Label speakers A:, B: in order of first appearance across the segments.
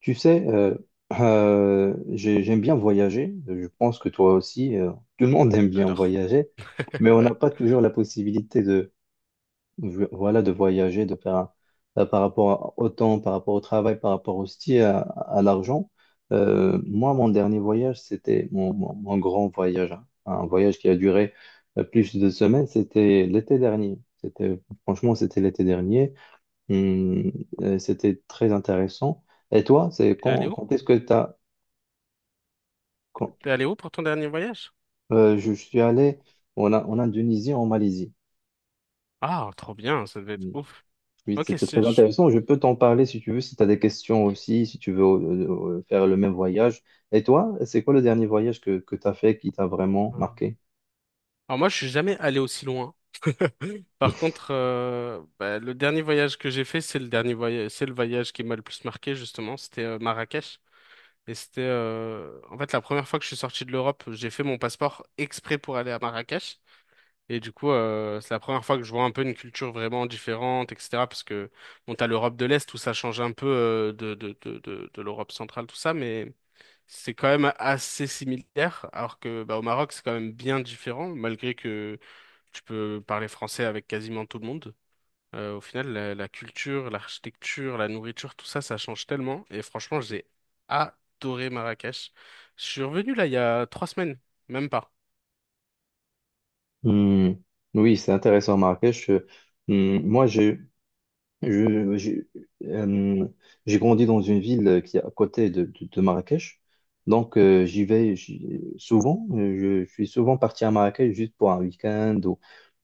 A: Tu sais, j'aime bien voyager. Je pense que toi aussi, tout le monde aime bien
B: J'adore.
A: voyager, mais on
B: Ouais.
A: n'a pas toujours la possibilité de, voilà, de voyager, par rapport au temps, par rapport au travail, par rapport aussi à l'argent. Moi, mon dernier voyage, c'était mon grand voyage, hein. Un voyage qui a duré plus de 2 semaines. C'était l'été dernier. C'était, franchement, c'était l'été dernier. Hum, C'était très intéressant. Et toi, c'est
B: T'es allé où?
A: quand est-ce que tu as...
B: T'es allé où pour ton dernier voyage?
A: Je suis allé en Indonésie, en Malaisie.
B: Ah, trop bien, ça devait être
A: Hum.
B: ouf.
A: Oui,
B: Ok.
A: c'était très intéressant. Je peux t'en parler si tu veux, si tu as des questions aussi, si tu veux faire le même voyage. Et toi, c'est quoi le dernier voyage que tu as fait qui t'a vraiment marqué?
B: Alors moi, je suis jamais allé aussi loin. Par contre, bah, le dernier voyage que j'ai fait, c'est le dernier voyage, c'est le voyage qui m'a le plus marqué justement. C'était Marrakech et c'était en fait la première fois que je suis sorti de l'Europe. J'ai fait mon passeport exprès pour aller à Marrakech. Et du coup, c'est la première fois que je vois un peu une culture vraiment différente, etc. Parce que, bon, t'as l'Europe de l'Est où ça change un peu de l'Europe centrale, tout ça, mais c'est quand même assez similaire. Alors que, bah, au Maroc, c'est quand même bien différent, malgré que tu peux parler français avec quasiment tout le monde. Au final, la culture, l'architecture, la nourriture, tout ça, ça change tellement. Et franchement, j'ai adoré Marrakech. Je suis revenu là il y a 3 semaines, même pas.
A: Hum. Oui, c'est intéressant, Marrakech. Moi, j'ai Je, euh, j'ai grandi dans une ville qui est à côté de Marrakech. Donc, j'y vais souvent. Je suis souvent parti à Marrakech juste pour un week-end. Ou,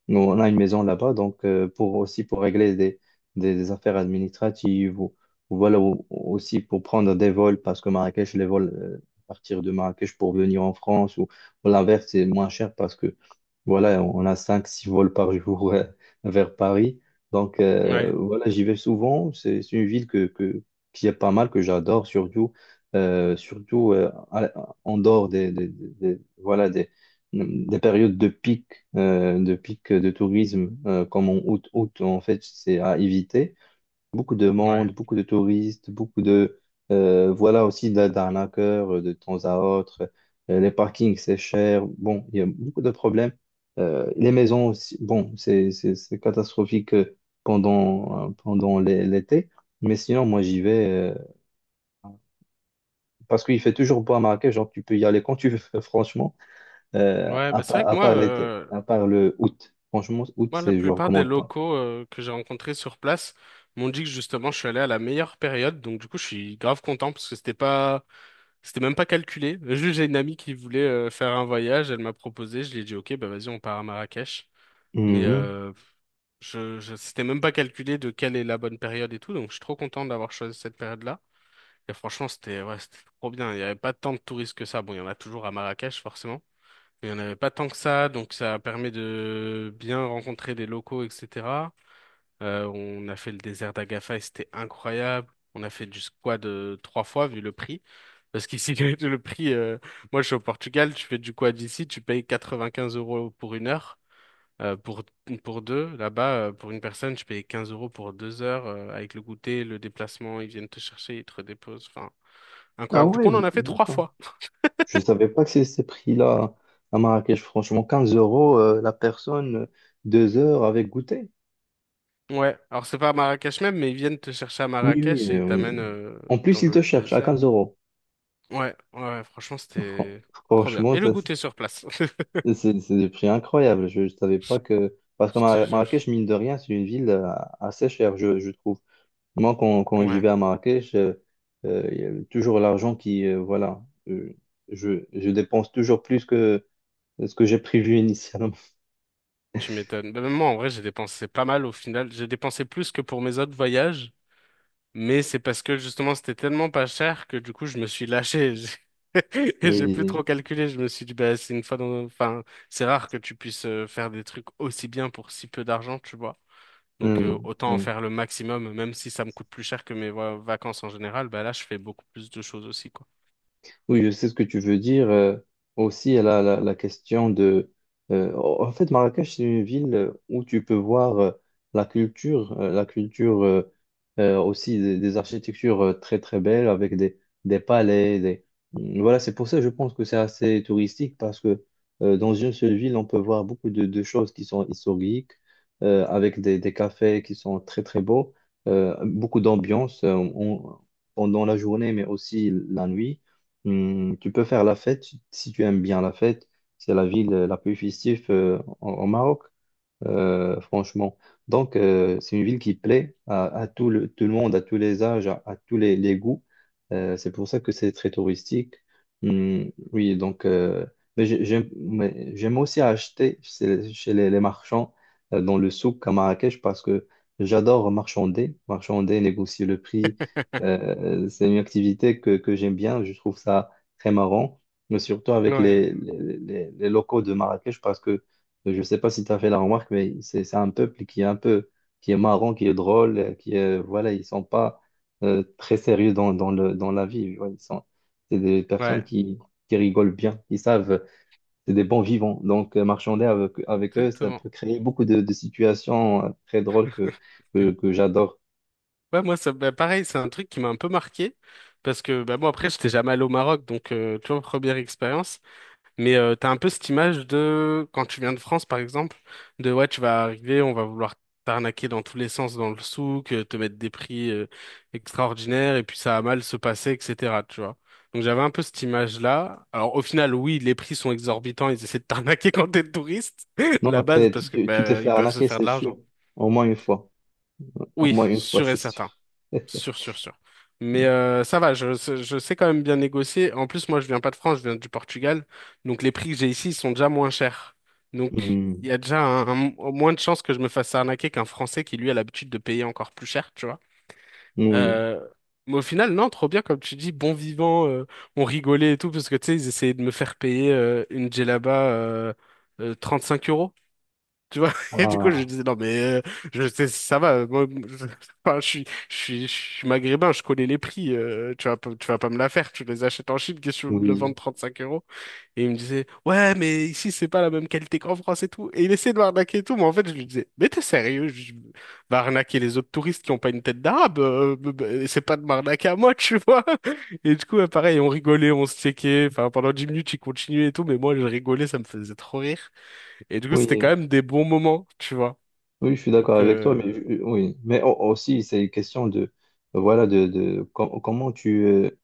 A: nous, on a une maison là-bas. Donc, aussi pour régler des affaires administratives. Ou Voilà, ou aussi pour prendre des vols parce que Marrakech, les vols à partir de Marrakech pour venir en France ou l'inverse, c'est moins cher parce que voilà, on a cinq, six vols par jour vers Paris. Donc
B: Ouais,
A: voilà, j'y vais souvent. C'est une ville qui est pas mal, que j'adore, surtout, en dehors voilà, des périodes de pic, de pic de tourisme, comme en août, en fait, c'est à éviter. Beaucoup de
B: ouais.
A: monde, beaucoup de touristes, beaucoup de... voilà aussi d'arnaqueurs de temps à autre. Les parkings, c'est cher. Bon, il y a beaucoup de problèmes. Les maisons aussi, bon, c'est catastrophique pendant l'été. Mais sinon, moi, j'y vais parce qu'il fait toujours beau à Marrakech. Genre, tu peux y aller quand tu veux, franchement.
B: Ouais, bah c'est vrai que
A: À
B: moi,
A: part l'été, à part le août. Franchement, août,
B: la
A: c'est, je
B: plupart des
A: recommande pas.
B: locaux que j'ai rencontrés sur place m'ont dit que justement je suis allé à la meilleure période, donc du coup je suis grave content parce que c'était pas, c'était même pas calculé. Juste j'ai une amie qui voulait faire un voyage, elle m'a proposé, je lui ai dit ok, bah vas-y on part à Marrakech, mais
A: Mhm.
B: c'était même pas calculé de quelle est la bonne période et tout, donc je suis trop content d'avoir choisi cette période-là. Et franchement c'était, ouais, c'était trop bien. Il y avait pas tant de touristes que ça. Bon, il y en a toujours à Marrakech forcément. Il n'y en avait pas tant que ça, donc ça permet de bien rencontrer les locaux, etc. On a fait le désert d'Agafay, c'était incroyable. On a fait du squad trois fois vu le prix. Parce qu'ici, le prix, moi je suis au Portugal, tu fais du quad ici, tu payes 95 euros pour 1 heure, euh, pour, pour deux. Là-bas, pour une personne, tu payes 15 euros pour 2 heures, avec le goûter, le déplacement, ils viennent te chercher, ils te redéposent. Enfin,
A: Ah
B: incroyable. Du coup, on en
A: ouais,
B: a fait trois
A: d'accord.
B: fois.
A: Je savais pas que c'est ces prix-là à Marrakech. Franchement, 15 € la personne, 2 heures avec goûter.
B: Ouais, alors c'est pas à Marrakech même, mais ils viennent te chercher à
A: Oui, oui,
B: Marrakech et ils
A: oui.
B: t'amènent
A: En
B: dans
A: plus, ils te
B: le
A: cherchent à
B: désert.
A: 15 euros.
B: Ouais, ouais, franchement,
A: Fran-
B: c'était trop bien.
A: Franchement,
B: Et le
A: ça,
B: goûter sur place.
A: c'est des prix incroyables. Je ne savais pas que. Parce que
B: Je te jure.
A: Marrakech, mine de rien, c'est une ville assez chère, je trouve. Moi, quand j'y
B: Ouais,
A: vais à Marrakech, il y a toujours l'argent qui. Voilà. euh, je dépense toujours plus que ce que j'ai prévu initialement.
B: tu m'étonnes. Bah, même moi, en vrai, j'ai dépensé pas mal au final. J'ai dépensé plus que pour mes autres voyages, mais c'est parce que justement, c'était tellement pas cher que du coup, je me suis lâché. J'ai plus trop
A: Oui,
B: calculé. Je me suis dit, bah, c'est une fois dans... enfin, c'est rare que tu puisses faire des trucs aussi bien pour si peu d'argent, tu vois. Donc
A: oui,
B: autant en
A: oui.
B: faire le maximum, même si ça me coûte plus cher que mes vacances en général, bah là je fais beaucoup plus de choses aussi, quoi.
A: Oui, je sais ce que tu veux dire. Aussi, la question de... En fait, Marrakech, c'est une ville où tu peux voir la culture aussi des architectures très, très belles avec des palais. Des... mmh, Voilà, c'est pour ça que je pense que c'est assez touristique parce que dans une seule ville, on peut voir beaucoup de choses qui sont historiques, avec des cafés qui sont très, très beaux, beaucoup d'ambiance pendant la journée, mais aussi la nuit. Tu peux faire la fête si tu aimes bien la fête. C'est la ville la plus festive au Maroc franchement. Donc, c'est une ville qui plaît à tout le monde, à tous les âges, à les goûts. C'est pour ça que c'est très touristique. Hmm. Oui, donc, mais j'aime aussi acheter chez les marchands dans le souk à Marrakech parce que j'adore marchander, marchander, négocier le prix. C'est une activité que j'aime bien, je trouve ça très marrant, mais surtout avec
B: Ouais,
A: les locaux de Marrakech parce que je ne sais pas si tu as fait la remarque, mais c'est un peuple qui est un peu, qui est marrant, qui est drôle, qui est, voilà, ils sont pas très sérieux dans la vie. Ouais, ils sont, c'est des personnes
B: ouais,
A: qui rigolent bien, ils savent, c'est des bons vivants. Donc, marchander avec eux, ça
B: exactement.
A: peut créer beaucoup de situations très drôles que j'adore.
B: Ouais, moi, ça, bah, pareil, c'est un truc qui m'a un peu marqué parce que bah, moi, après, j'étais jamais allé au Maroc, donc tu vois, première expérience. Mais t'as un peu cette image de, quand tu viens de France par exemple, de ouais, tu vas arriver, on va vouloir t'arnaquer dans tous les sens dans le souk, te mettre des prix extraordinaires, et puis ça a mal se passer, etc. Tu vois. Donc j'avais un peu cette image-là. Alors au final, oui, les prix sont exorbitants, ils essaient de t'arnaquer quand t'es touriste, la
A: Non,
B: base, parce que
A: tu t'es
B: bah,
A: fait
B: ils peuvent se
A: arnaquer,
B: faire de
A: c'est
B: l'argent.
A: sûr. Au moins une fois. Au
B: Oui,
A: moins une fois,
B: sûr
A: c'est
B: et certain.
A: sûr.
B: Sûr, sûr, sûr. Mais ça va, je sais quand même bien négocier. En plus, moi, je viens pas de France, je viens du Portugal. Donc, les prix que j'ai ici ils sont déjà moins chers. Donc,
A: Hmm.
B: il y a déjà moins de chances que je me fasse arnaquer qu'un Français qui, lui, a l'habitude de payer encore plus cher, tu vois.
A: Oui.
B: Euh, mais au final, non, trop bien, comme tu dis, bon vivant, on rigolait et tout, parce que, tu sais, ils essayaient de me faire payer une djellaba 35 euros. Tu vois, et du coup, je
A: Ah,
B: disais, non, mais je sais, si ça va. Moi, je, enfin, je suis maghrébin, je connais les prix. Tu vas pas me la faire. Tu les achètes en Chine, qu'est-ce que tu veux me le
A: oui.
B: vendre 35 euros? Et il me disait, ouais, mais ici, c'est pas la même qualité qu'en France et tout. Et il essayait de m'arnaquer et tout. Mais en fait, je lui disais, mais t'es sérieux? Je va arnaquer les autres touristes qui ont pas une tête d'arabe. C'est pas de m'arnaquer à moi, tu vois. Et du coup, ouais, pareil, on rigolait, on se checkait. Enfin, pendant 10 minutes, il continuait et tout. Mais moi, je rigolais, ça me faisait trop rire. Et du coup, c'était quand
A: Oui.
B: même des bons moments, tu vois.
A: Oui, je suis
B: Donc,
A: d'accord avec toi, oui, mais aussi c'est une question de voilà de comment tu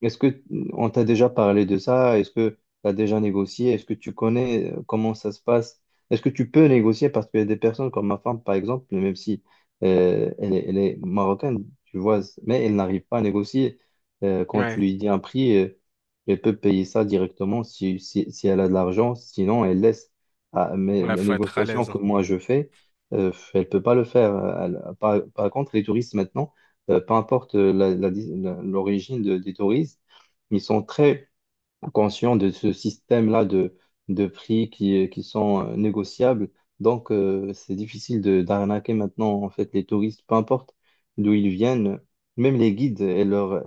A: est-ce que on t'a déjà parlé de ça? Est-ce que tu as déjà négocié? Est-ce que tu connais comment ça se passe? Est-ce que tu peux négocier? Parce qu'il y a des personnes comme ma femme, par exemple, même si elle est marocaine, tu vois, mais elle n'arrive pas à négocier. Quand tu
B: ouais,
A: lui dis un prix, elle peut payer ça directement si elle a de l'argent, sinon elle laisse. Ah, mais
B: ouais,
A: la
B: faut être à
A: négociation
B: l'aise,
A: que
B: hein.
A: moi je fais, elle peut pas le faire. Par contre, les touristes maintenant, peu importe l'origine des touristes, ils sont très conscients de ce système-là de prix qui sont négociables. Donc, c'est difficile de d'arnaquer maintenant, en fait, les touristes, peu importe d'où ils viennent, même les guides et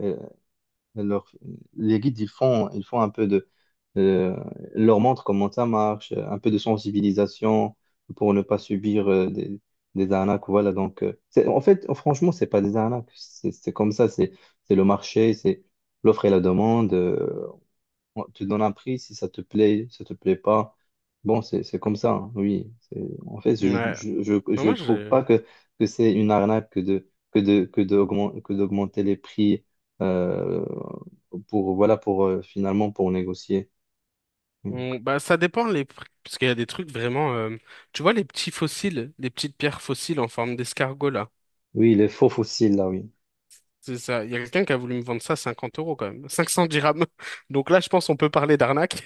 A: leur- les guides, ils font un peu de... euh, Ils leur montrent comment ça marche, un peu de sensibilisation pour ne pas subir des arnaques. Voilà, donc, en fait, franchement, c'est pas des arnaques. C'est comme ça, c'est le marché, c'est l'offre et la demande. On te donne un prix si ça te plaît, si ça te plaît pas. Bon, c'est comme ça, hein, oui. En fait,
B: Ouais. Mais
A: je
B: moi,
A: trouve pas que c'est une arnaque que d'augmenter les prix euh, pour voilà pour finalement pour négocier. Mm.
B: bah, ça dépend les prix, parce qu'il y a des trucs vraiment. Tu vois, les petits fossiles, les petites pierres fossiles en forme d'escargot, là.
A: Oui, les faux fossiles là, oui.
B: C'est ça. Il y a quelqu'un qui a voulu me vendre ça à 50 euros, quand même. 500 dirhams. Donc là, je pense qu'on peut parler d'arnaque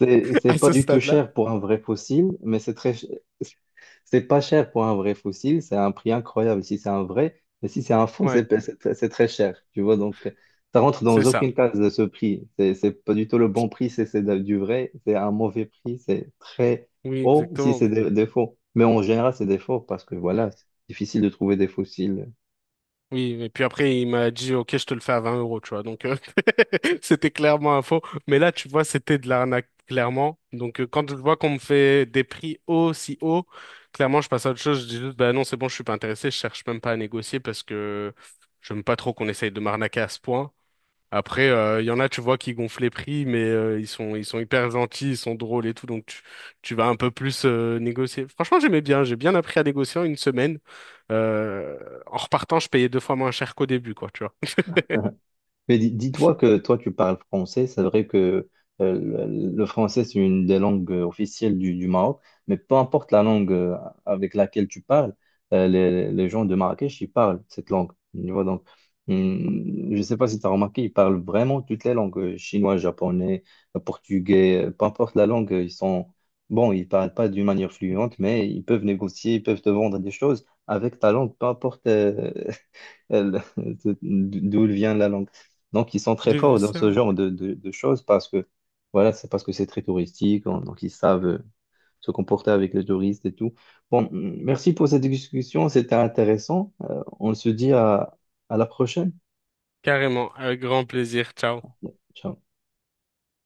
A: C'est c'est
B: à
A: pas
B: ce
A: du tout
B: stade-là.
A: cher pour un vrai fossile, C'est pas cher pour un vrai fossile, c'est un prix incroyable si c'est un vrai, mais si c'est un faux,
B: Ouais,
A: c'est très cher, tu vois. Donc, ça rentre dans
B: c'est ça.
A: aucune case de ce prix. C'est pas du tout le bon prix si c'est du vrai, c'est un mauvais prix, c'est très
B: Oui,
A: haut si
B: exactement.
A: c'est des faux. Mais en général, c'est des faux parce que voilà, c'est difficile de trouver des fossiles.
B: Oui, et puis après, il m'a dit, OK, je te le fais à 20 euros, tu vois. Donc, c'était clairement un faux. Mais là, tu vois, c'était de l'arnaque, clairement. Donc, quand je vois qu'on me fait des prix aussi hauts, clairement, je passe à autre chose. Je dis juste, bah non, c'est bon, je suis pas intéressé. Je cherche même pas à négocier parce que j'aime pas trop qu'on essaye de m'arnaquer à ce point. Après, il y en a, tu vois, qui gonflent les prix, mais ils sont hyper gentils, ils sont drôles et tout, donc tu vas un peu plus négocier. Franchement, j'aimais bien, j'ai bien appris à négocier en 1 semaine. Euh, En repartant, je payais deux fois moins cher qu'au début, quoi, tu vois.
A: Mais dis-toi que toi, tu parles français. C'est vrai que euh, le français, c'est une des langues officielles du Maroc. Mais peu importe la langue avec laquelle tu parles, les gens de Marrakech, ils parlent cette langue. Tu vois, donc, je ne sais pas si tu as remarqué, ils parlent vraiment toutes les langues, chinois, japonais, portugais, peu importe la langue, ils sont... Bon, ils ne parlent pas d'une manière fluente, mais ils peuvent négocier, ils peuvent te vendre des choses avec ta langue, peu importe, elle- d'où vient la langue. Donc, ils sont très
B: J'ai vu
A: forts dans ce
B: ça.
A: genre de choses parce que, voilà, c'est parce que c'est très touristique, donc ils savent se comporter avec les touristes et tout. Bon, merci pour cette discussion, c'était intéressant. On se dit à la prochaine.
B: Carrément, avec grand plaisir. Ciao.
A: Ciao.